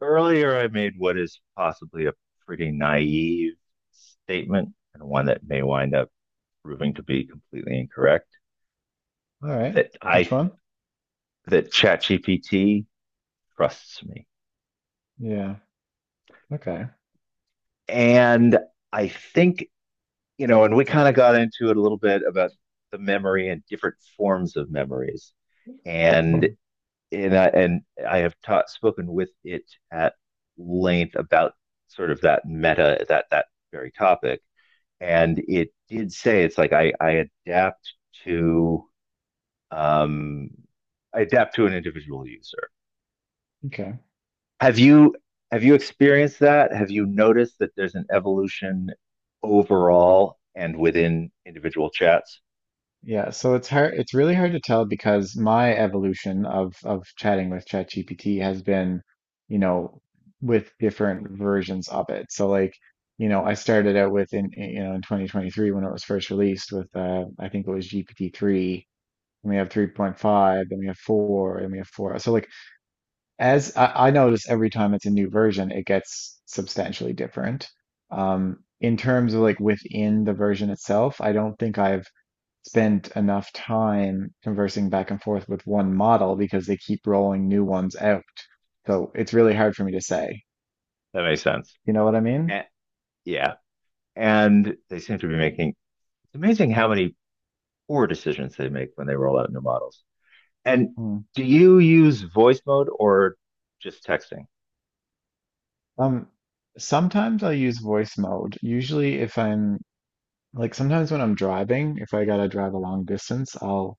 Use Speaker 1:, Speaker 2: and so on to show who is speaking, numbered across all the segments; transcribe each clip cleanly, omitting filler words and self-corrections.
Speaker 1: Earlier, I made what is possibly a pretty naive statement and one that may wind up proving to be completely incorrect
Speaker 2: All right.
Speaker 1: that
Speaker 2: Which
Speaker 1: I
Speaker 2: one?
Speaker 1: that ChatGPT trusts me.
Speaker 2: Yeah. Okay.
Speaker 1: And I think, and we kind of got into it a little bit about the memory and different forms of memories. And
Speaker 2: Hmm.
Speaker 1: and I have taught spoken with it at length about sort of that meta, that very topic, and it did say, it's like, to um, I adapt to an individual user.
Speaker 2: Okay.
Speaker 1: Have you have you experienced that? Have you noticed that there's an evolution overall and within individual chats?
Speaker 2: Yeah, so it's hard. It's really hard to tell because my evolution of chatting with ChatGPT has been, you know, with different versions of it. So like, I started out with you know in 2023 when it was first released with I think it was GPT-3, and we have 3.5, then we have 4, and we have 4. So like, as I notice every time it's a new version, it gets substantially different. In terms of like within the version itself, I don't think I've spent enough time conversing back and forth with one model because they keep rolling new ones out. So it's really hard for me to say.
Speaker 1: That makes sense.
Speaker 2: You know what I mean?
Speaker 1: Eh, yeah, and they seem to be making. It's amazing how many poor decisions they make when they roll out new models. And
Speaker 2: Mm.
Speaker 1: do you use voice mode or just texting?
Speaker 2: Um, Sometimes I'll use voice mode. Usually if I'm like sometimes when I'm driving, if I gotta drive a long distance,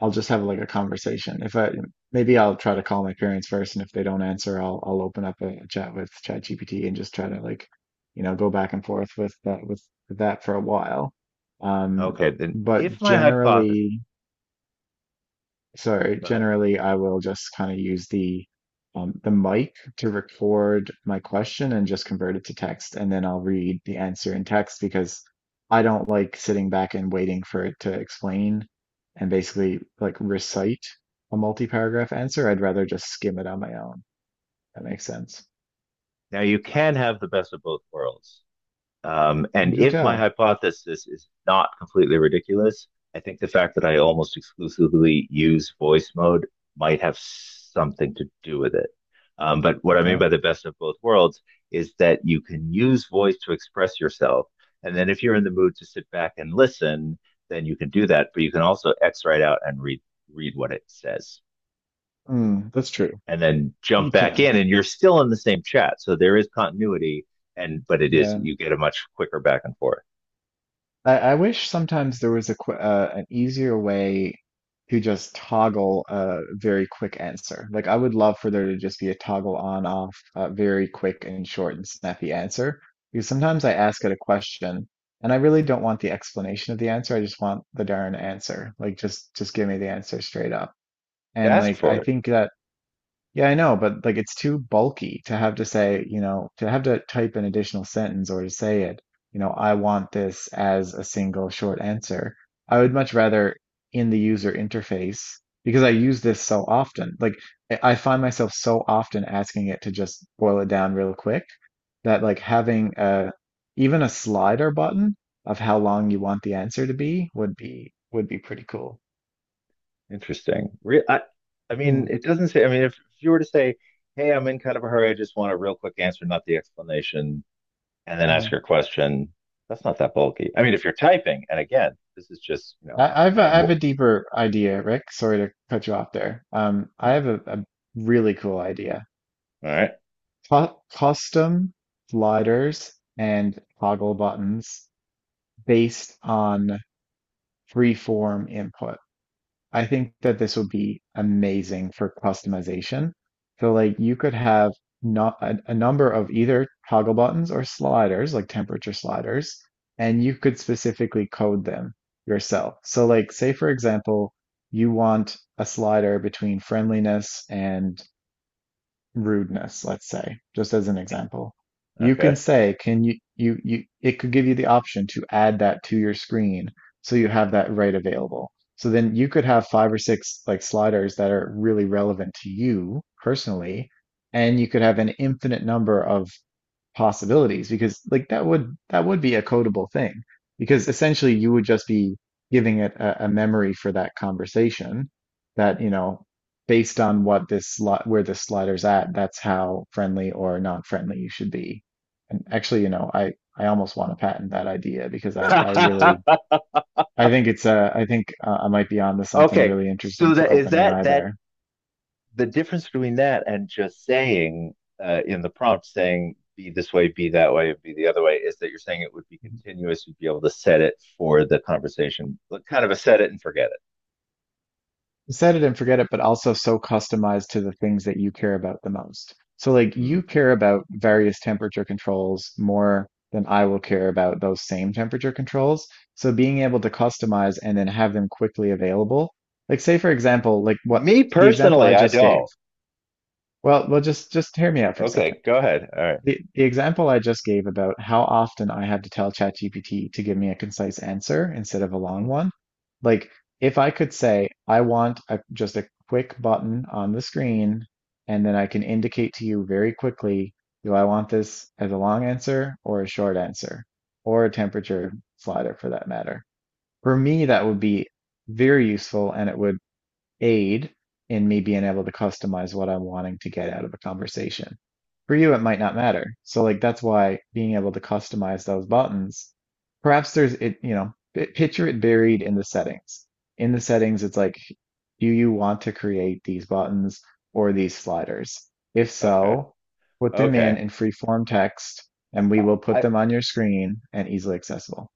Speaker 2: I'll just have like a conversation. If I maybe I'll try to call my parents first, and if they don't answer, I'll open up a chat with ChatGPT and just try to like, go back and forth with that for a while. Um,
Speaker 1: Okay, then
Speaker 2: but
Speaker 1: if my hypothesis,
Speaker 2: generally. So
Speaker 1: go ahead.
Speaker 2: generally, I will just kind of use the mic to record my question and just convert it to text, and then I'll read the answer in text because I don't like sitting back and waiting for it to explain and basically like recite a multi-paragraph answer. I'd rather just skim it on my own. That makes sense.
Speaker 1: Now, you can have the best of both worlds. And
Speaker 2: Do
Speaker 1: if my
Speaker 2: tell.
Speaker 1: hypothesis is not completely ridiculous, I think the fact that I almost exclusively use voice mode might have something to do with it. But what I mean
Speaker 2: Okay.
Speaker 1: by the best of both worlds is that you can use voice to express yourself. And then if you're in the mood to sit back and listen, then you can do that. But you can also X right out and read what it says,
Speaker 2: Mm, that's true.
Speaker 1: and then jump
Speaker 2: You
Speaker 1: back
Speaker 2: can.
Speaker 1: in and you're still in the same chat. So there is continuity, and but it is,
Speaker 2: Yeah.
Speaker 1: you get a much quicker back and forth.
Speaker 2: I wish sometimes there was a qu an easier way to just toggle a very quick answer. Like I would love for there to just be a toggle on off, very quick and short and snappy answer. Because sometimes I ask it a question and I really don't want the explanation of the answer. I just want the darn answer. Like just give me the answer straight up.
Speaker 1: To
Speaker 2: And
Speaker 1: ask
Speaker 2: like
Speaker 1: for
Speaker 2: I
Speaker 1: it.
Speaker 2: think that yeah, I know, but like it's too bulky to have to say, to have to type an additional sentence or to say it, I want this as a single short answer. I would much rather in the user interface because I use this so often. Like I find myself so often asking it to just boil it down real quick that like having a even a slider button of how long you want the answer to be would be pretty cool.
Speaker 1: Interesting. I mean,
Speaker 2: Mm,
Speaker 1: it doesn't say. I mean, if you were to say, "Hey, I'm in kind of a hurry. I just want a real quick answer, not the explanation," and then ask
Speaker 2: mm.
Speaker 1: your question, that's not that bulky. I mean, if you're typing, and again, this is just, you know, kind of
Speaker 2: I have a deeper idea, Rick. Sorry to cut you off there. I
Speaker 1: hmm,
Speaker 2: have a really cool idea.
Speaker 1: all right.
Speaker 2: Co Custom sliders and toggle buttons based on freeform input. I think that this would be amazing for customization. So like you could have not a, a number of either toggle buttons or sliders, like temperature sliders, and you could specifically code them yourself. So like say for example, you want a slider between friendliness and rudeness, let's say, just as an example, you can
Speaker 1: Okay.
Speaker 2: say, can you, it could give you the option to add that to your screen so you have that right available. So then you could have five or six like sliders that are really relevant to you personally, and you could have an infinite number of possibilities because like that would be a codable thing because essentially you would just be giving it a memory for that conversation that you know based on what this slot where this slider's at, that's how friendly or non-friendly you should be. And actually, you know, I almost want to patent that idea because I really, I think it's I think I might be onto something
Speaker 1: Okay.
Speaker 2: really interesting
Speaker 1: So
Speaker 2: for
Speaker 1: that is, that
Speaker 2: OpenAI
Speaker 1: that
Speaker 2: there.
Speaker 1: the difference between that and just saying, in the prompt, saying be this way, be that way, and be the other way, is that you're saying it would be continuous. You'd be able to set it for the conversation, like kind of a set it and forget it.
Speaker 2: Set it and forget it, but also so customized to the things that you care about the most. So like
Speaker 1: Hmm.
Speaker 2: you care about various temperature controls more than I will care about those same temperature controls. So being able to customize and then have them quickly available. Like say for example, like what
Speaker 1: Me
Speaker 2: the example
Speaker 1: personally,
Speaker 2: I
Speaker 1: I
Speaker 2: just gave.
Speaker 1: don't.
Speaker 2: Well, just hear me out for a second.
Speaker 1: Okay, go ahead. All right.
Speaker 2: The example I just gave about how often I had to tell ChatGPT to give me a concise answer instead of a long
Speaker 1: Mm-hmm.
Speaker 2: one, like if I could say, I want just a quick button on the screen, and then I can indicate to you very quickly, do I want this as a long answer or a short answer, or a temperature slider for that matter? For me, that would be very useful and it would aid in me being able to customize what I'm wanting to get out of a conversation. For you, it might not matter. So like that's why being able to customize those buttons, perhaps there's it, you know, picture it buried in the settings. In the settings, it's like, do you want to create these buttons or these sliders? If
Speaker 1: Okay.
Speaker 2: so, put them in
Speaker 1: Okay.
Speaker 2: free form text
Speaker 1: I,
Speaker 2: and we will put
Speaker 1: I
Speaker 2: them on your screen and easily accessible.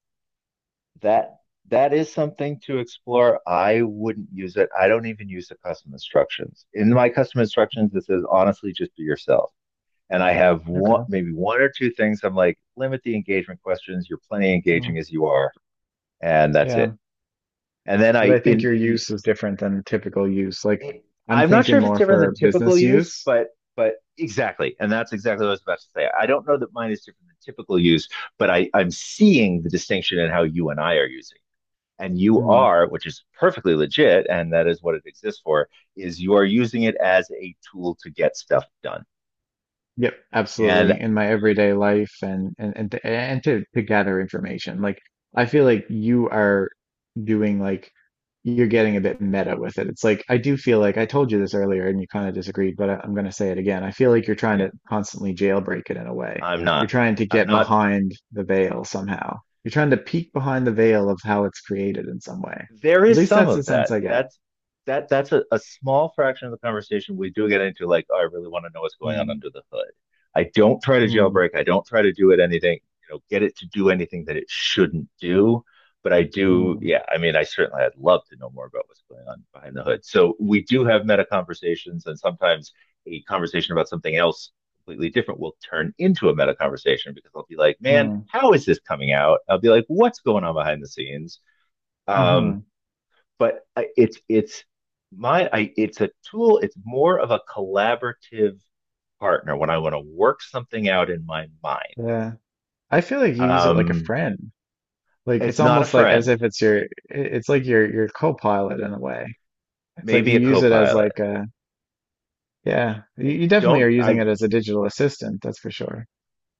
Speaker 1: that that is something to explore. I wouldn't use it. I don't even use the custom instructions. In my custom instructions, it says, honestly, just be yourself, and I have one,
Speaker 2: Okay.
Speaker 1: maybe one or two things. I'm like, limit the engagement questions. You're plenty engaging
Speaker 2: Well,
Speaker 1: as you are, and that's it.
Speaker 2: yeah.
Speaker 1: And then
Speaker 2: But
Speaker 1: I,
Speaker 2: I think your use is different than typical use. Like
Speaker 1: in
Speaker 2: I'm
Speaker 1: I'm not sure
Speaker 2: thinking
Speaker 1: if it's
Speaker 2: more
Speaker 1: different than
Speaker 2: for
Speaker 1: typical
Speaker 2: business
Speaker 1: use,
Speaker 2: use.
Speaker 1: but exactly, and that's exactly what I was about to say. I don't know that mine is different than typical use, but I'm seeing the distinction in how you and I are using. And you are, which is perfectly legit, and that is what it exists for, is you are using it as a tool to get stuff done.
Speaker 2: Yep,
Speaker 1: And
Speaker 2: absolutely. In my everyday life and to gather information. Like I feel like you are doing like you're getting a bit meta with it. It's like I do feel like I told you this earlier and you kind of disagreed, but I'm going to say it again. I feel like you're trying
Speaker 1: Yeah.
Speaker 2: to constantly jailbreak it in a way.
Speaker 1: I'm
Speaker 2: You're
Speaker 1: not.
Speaker 2: trying to
Speaker 1: I'm
Speaker 2: get
Speaker 1: not,
Speaker 2: behind the veil somehow. You're trying to peek behind the veil of how it's created in some way.
Speaker 1: there
Speaker 2: At
Speaker 1: is
Speaker 2: least
Speaker 1: some
Speaker 2: that's
Speaker 1: of
Speaker 2: the sense
Speaker 1: that.
Speaker 2: I get.
Speaker 1: That's a small fraction of the conversation. We do get into like, oh, I really want to know what's going on
Speaker 2: Mm,
Speaker 1: under the hood. I don't try to
Speaker 2: mm,
Speaker 1: jailbreak. I don't try to do it anything, you know, get it to do anything that it shouldn't do. But I do,
Speaker 2: mm,
Speaker 1: yeah, I mean, I'd love to know more about what's going on behind the hood. So we do have meta conversations, and sometimes a conversation about something else completely different will turn into a meta conversation because I'll be like, man,
Speaker 2: mm,
Speaker 1: how is this coming out? I'll be like, what's going on behind the scenes?
Speaker 2: hmm, hmm.
Speaker 1: Um, but it's, it's a tool. It's more of a collaborative partner when I want to work something out in my mind.
Speaker 2: Yeah. I feel like you use it like a
Speaker 1: Um,
Speaker 2: friend. Like it's
Speaker 1: it's not a
Speaker 2: almost like as
Speaker 1: friend,
Speaker 2: if it's your, it's like your co-pilot in a way. It's like
Speaker 1: maybe
Speaker 2: you
Speaker 1: a
Speaker 2: use it as
Speaker 1: co-pilot.
Speaker 2: like a, yeah,
Speaker 1: I
Speaker 2: you definitely are
Speaker 1: don't.
Speaker 2: using
Speaker 1: I
Speaker 2: it as a digital assistant, that's for sure.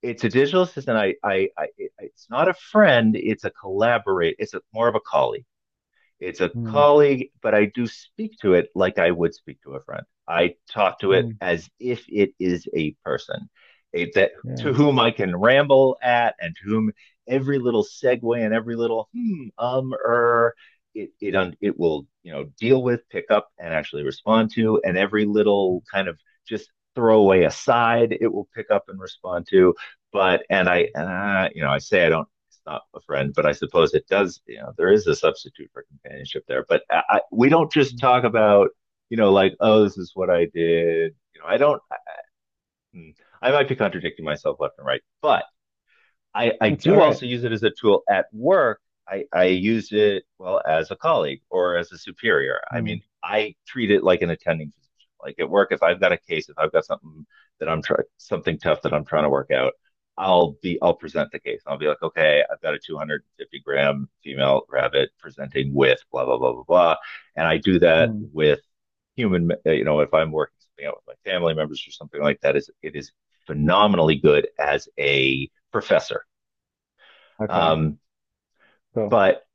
Speaker 1: It's a digital assistant. I It's not a friend. It's a collaborate. It's more of a colleague. It's a
Speaker 2: Mm,
Speaker 1: colleague, but I do speak to it like I would speak to a friend. I talk to it
Speaker 2: mm,
Speaker 1: as if it is a person, a, that
Speaker 2: yeah,
Speaker 1: to whom I can ramble at, and to whom every little segue and every little hmm, it will, you know, deal with, pick up and actually respond to. And every little kind of just throwaway aside, it will pick up and respond to. But, and I, I say, I don't it's not a friend, but I suppose it does. You know, there is a substitute for companionship there. But we don't just
Speaker 2: mm.
Speaker 1: talk about, like, oh, this is what I did. You know, I don't. hmm, I might be contradicting myself left and right, but I
Speaker 2: That's all
Speaker 1: do
Speaker 2: right.
Speaker 1: also use it as a tool at work. I use it, well, as a colleague or as a superior. I
Speaker 2: Mm,
Speaker 1: mean, I treat it like an attending physician. Like at work, if I've got a case, if I've got something that something tough that I'm trying to work out, I'll present the case. I'll be like, okay, I've got a 250-gram female rabbit presenting with blah, blah, blah, blah, blah. And I do that
Speaker 2: mm.
Speaker 1: with if I'm working something out with my family members or something like that, is it is phenomenally good as a professor,
Speaker 2: Okay,
Speaker 1: um,
Speaker 2: cool.
Speaker 1: but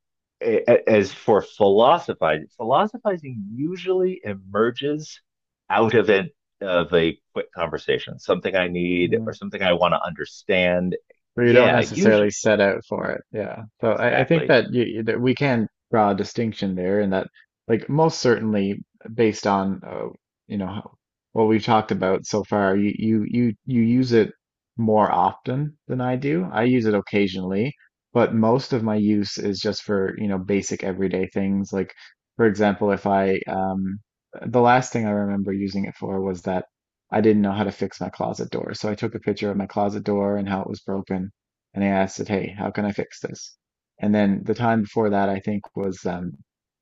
Speaker 1: as for philosophizing, philosophizing usually emerges out of an of a quick conversation, something I need
Speaker 2: Mm.
Speaker 1: or something I want to understand.
Speaker 2: But you don't
Speaker 1: Yeah, usually
Speaker 2: necessarily set out for it. Yeah. So I think
Speaker 1: exactly
Speaker 2: that you, that we can draw a distinction there, and that like most certainly based on you know, what we've talked about so far, you use it more often than I do. I use it occasionally, but most of my use is just for you know basic everyday things. Like for example, if I the last thing I remember using it for was that. I didn't know how to fix my closet door. So I took a picture of my closet door and how it was broken. And I asked it, hey, how can I fix this? And then the time before that, I think was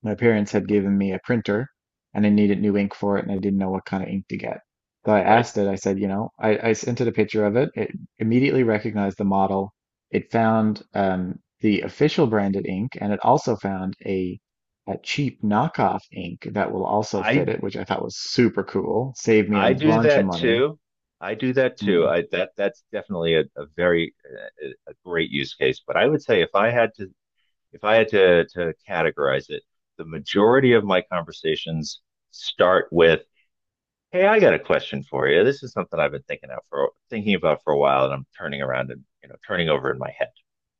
Speaker 2: my parents had given me a printer and I needed new ink for it and I didn't know what kind of ink to get. So I
Speaker 1: right.
Speaker 2: asked it, I said, you know, I sent it a picture of it. It immediately recognized the model. It found the official branded ink and it also found a cheap knockoff ink that will also fit
Speaker 1: I
Speaker 2: it, which I thought was super cool. Saved me a
Speaker 1: I do
Speaker 2: bunch of
Speaker 1: that
Speaker 2: money.
Speaker 1: too. I do that too.
Speaker 2: Mm,
Speaker 1: I that that's definitely a great use case. But I would say, if I had to categorize it, the majority of my conversations start with, hey, I got a question for you. This is something I've been thinking about for a while, and I'm turning around and, turning over in my head.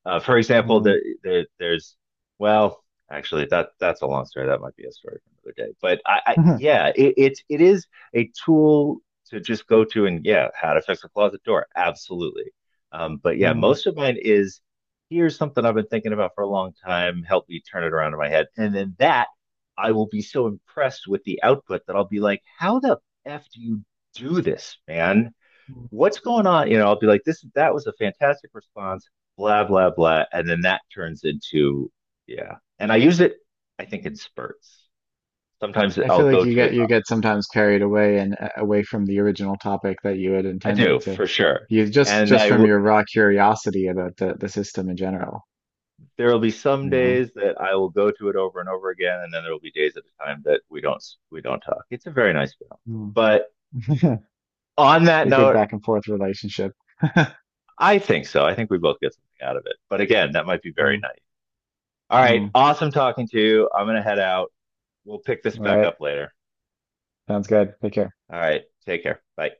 Speaker 1: For example,
Speaker 2: mm,
Speaker 1: the, there's well, actually, that's a long story. That might be a story for another day. But I yeah, it is a tool to just go to, and yeah, how to fix a closet door, absolutely. But yeah,
Speaker 2: mm.
Speaker 1: most of mine is, here's something I've been thinking about for a long time. Help me turn it around in my head, and then that. I will be so impressed with the output that I'll be like, how the f do you do this, man? What's going on? You know, I'll be like, this that was a fantastic response, blah, blah, blah. And then that turns into, yeah. And I use it, I think, in spurts. Sometimes
Speaker 2: I
Speaker 1: I'll
Speaker 2: feel like
Speaker 1: go
Speaker 2: you
Speaker 1: to it.
Speaker 2: get sometimes carried away and away from the original topic that you had
Speaker 1: I
Speaker 2: intended
Speaker 1: do
Speaker 2: to.
Speaker 1: for sure.
Speaker 2: You just
Speaker 1: And
Speaker 2: just from your raw curiosity about the system in general,
Speaker 1: there will be some
Speaker 2: you know?
Speaker 1: days that I will go to it over and over again, and then there will be days at a time that we don't talk. It's a very nice balance.
Speaker 2: Mm.
Speaker 1: But on that
Speaker 2: A good
Speaker 1: note,
Speaker 2: back and forth relationship.
Speaker 1: I think so. I think we both get something out of it. But again, that might be very
Speaker 2: Mm,
Speaker 1: nice. All right.
Speaker 2: mm.
Speaker 1: Awesome talking to you. I'm going to head out. We'll pick this
Speaker 2: All
Speaker 1: back
Speaker 2: right.
Speaker 1: up later.
Speaker 2: Sounds good. Take care.
Speaker 1: All right. Take care. Bye.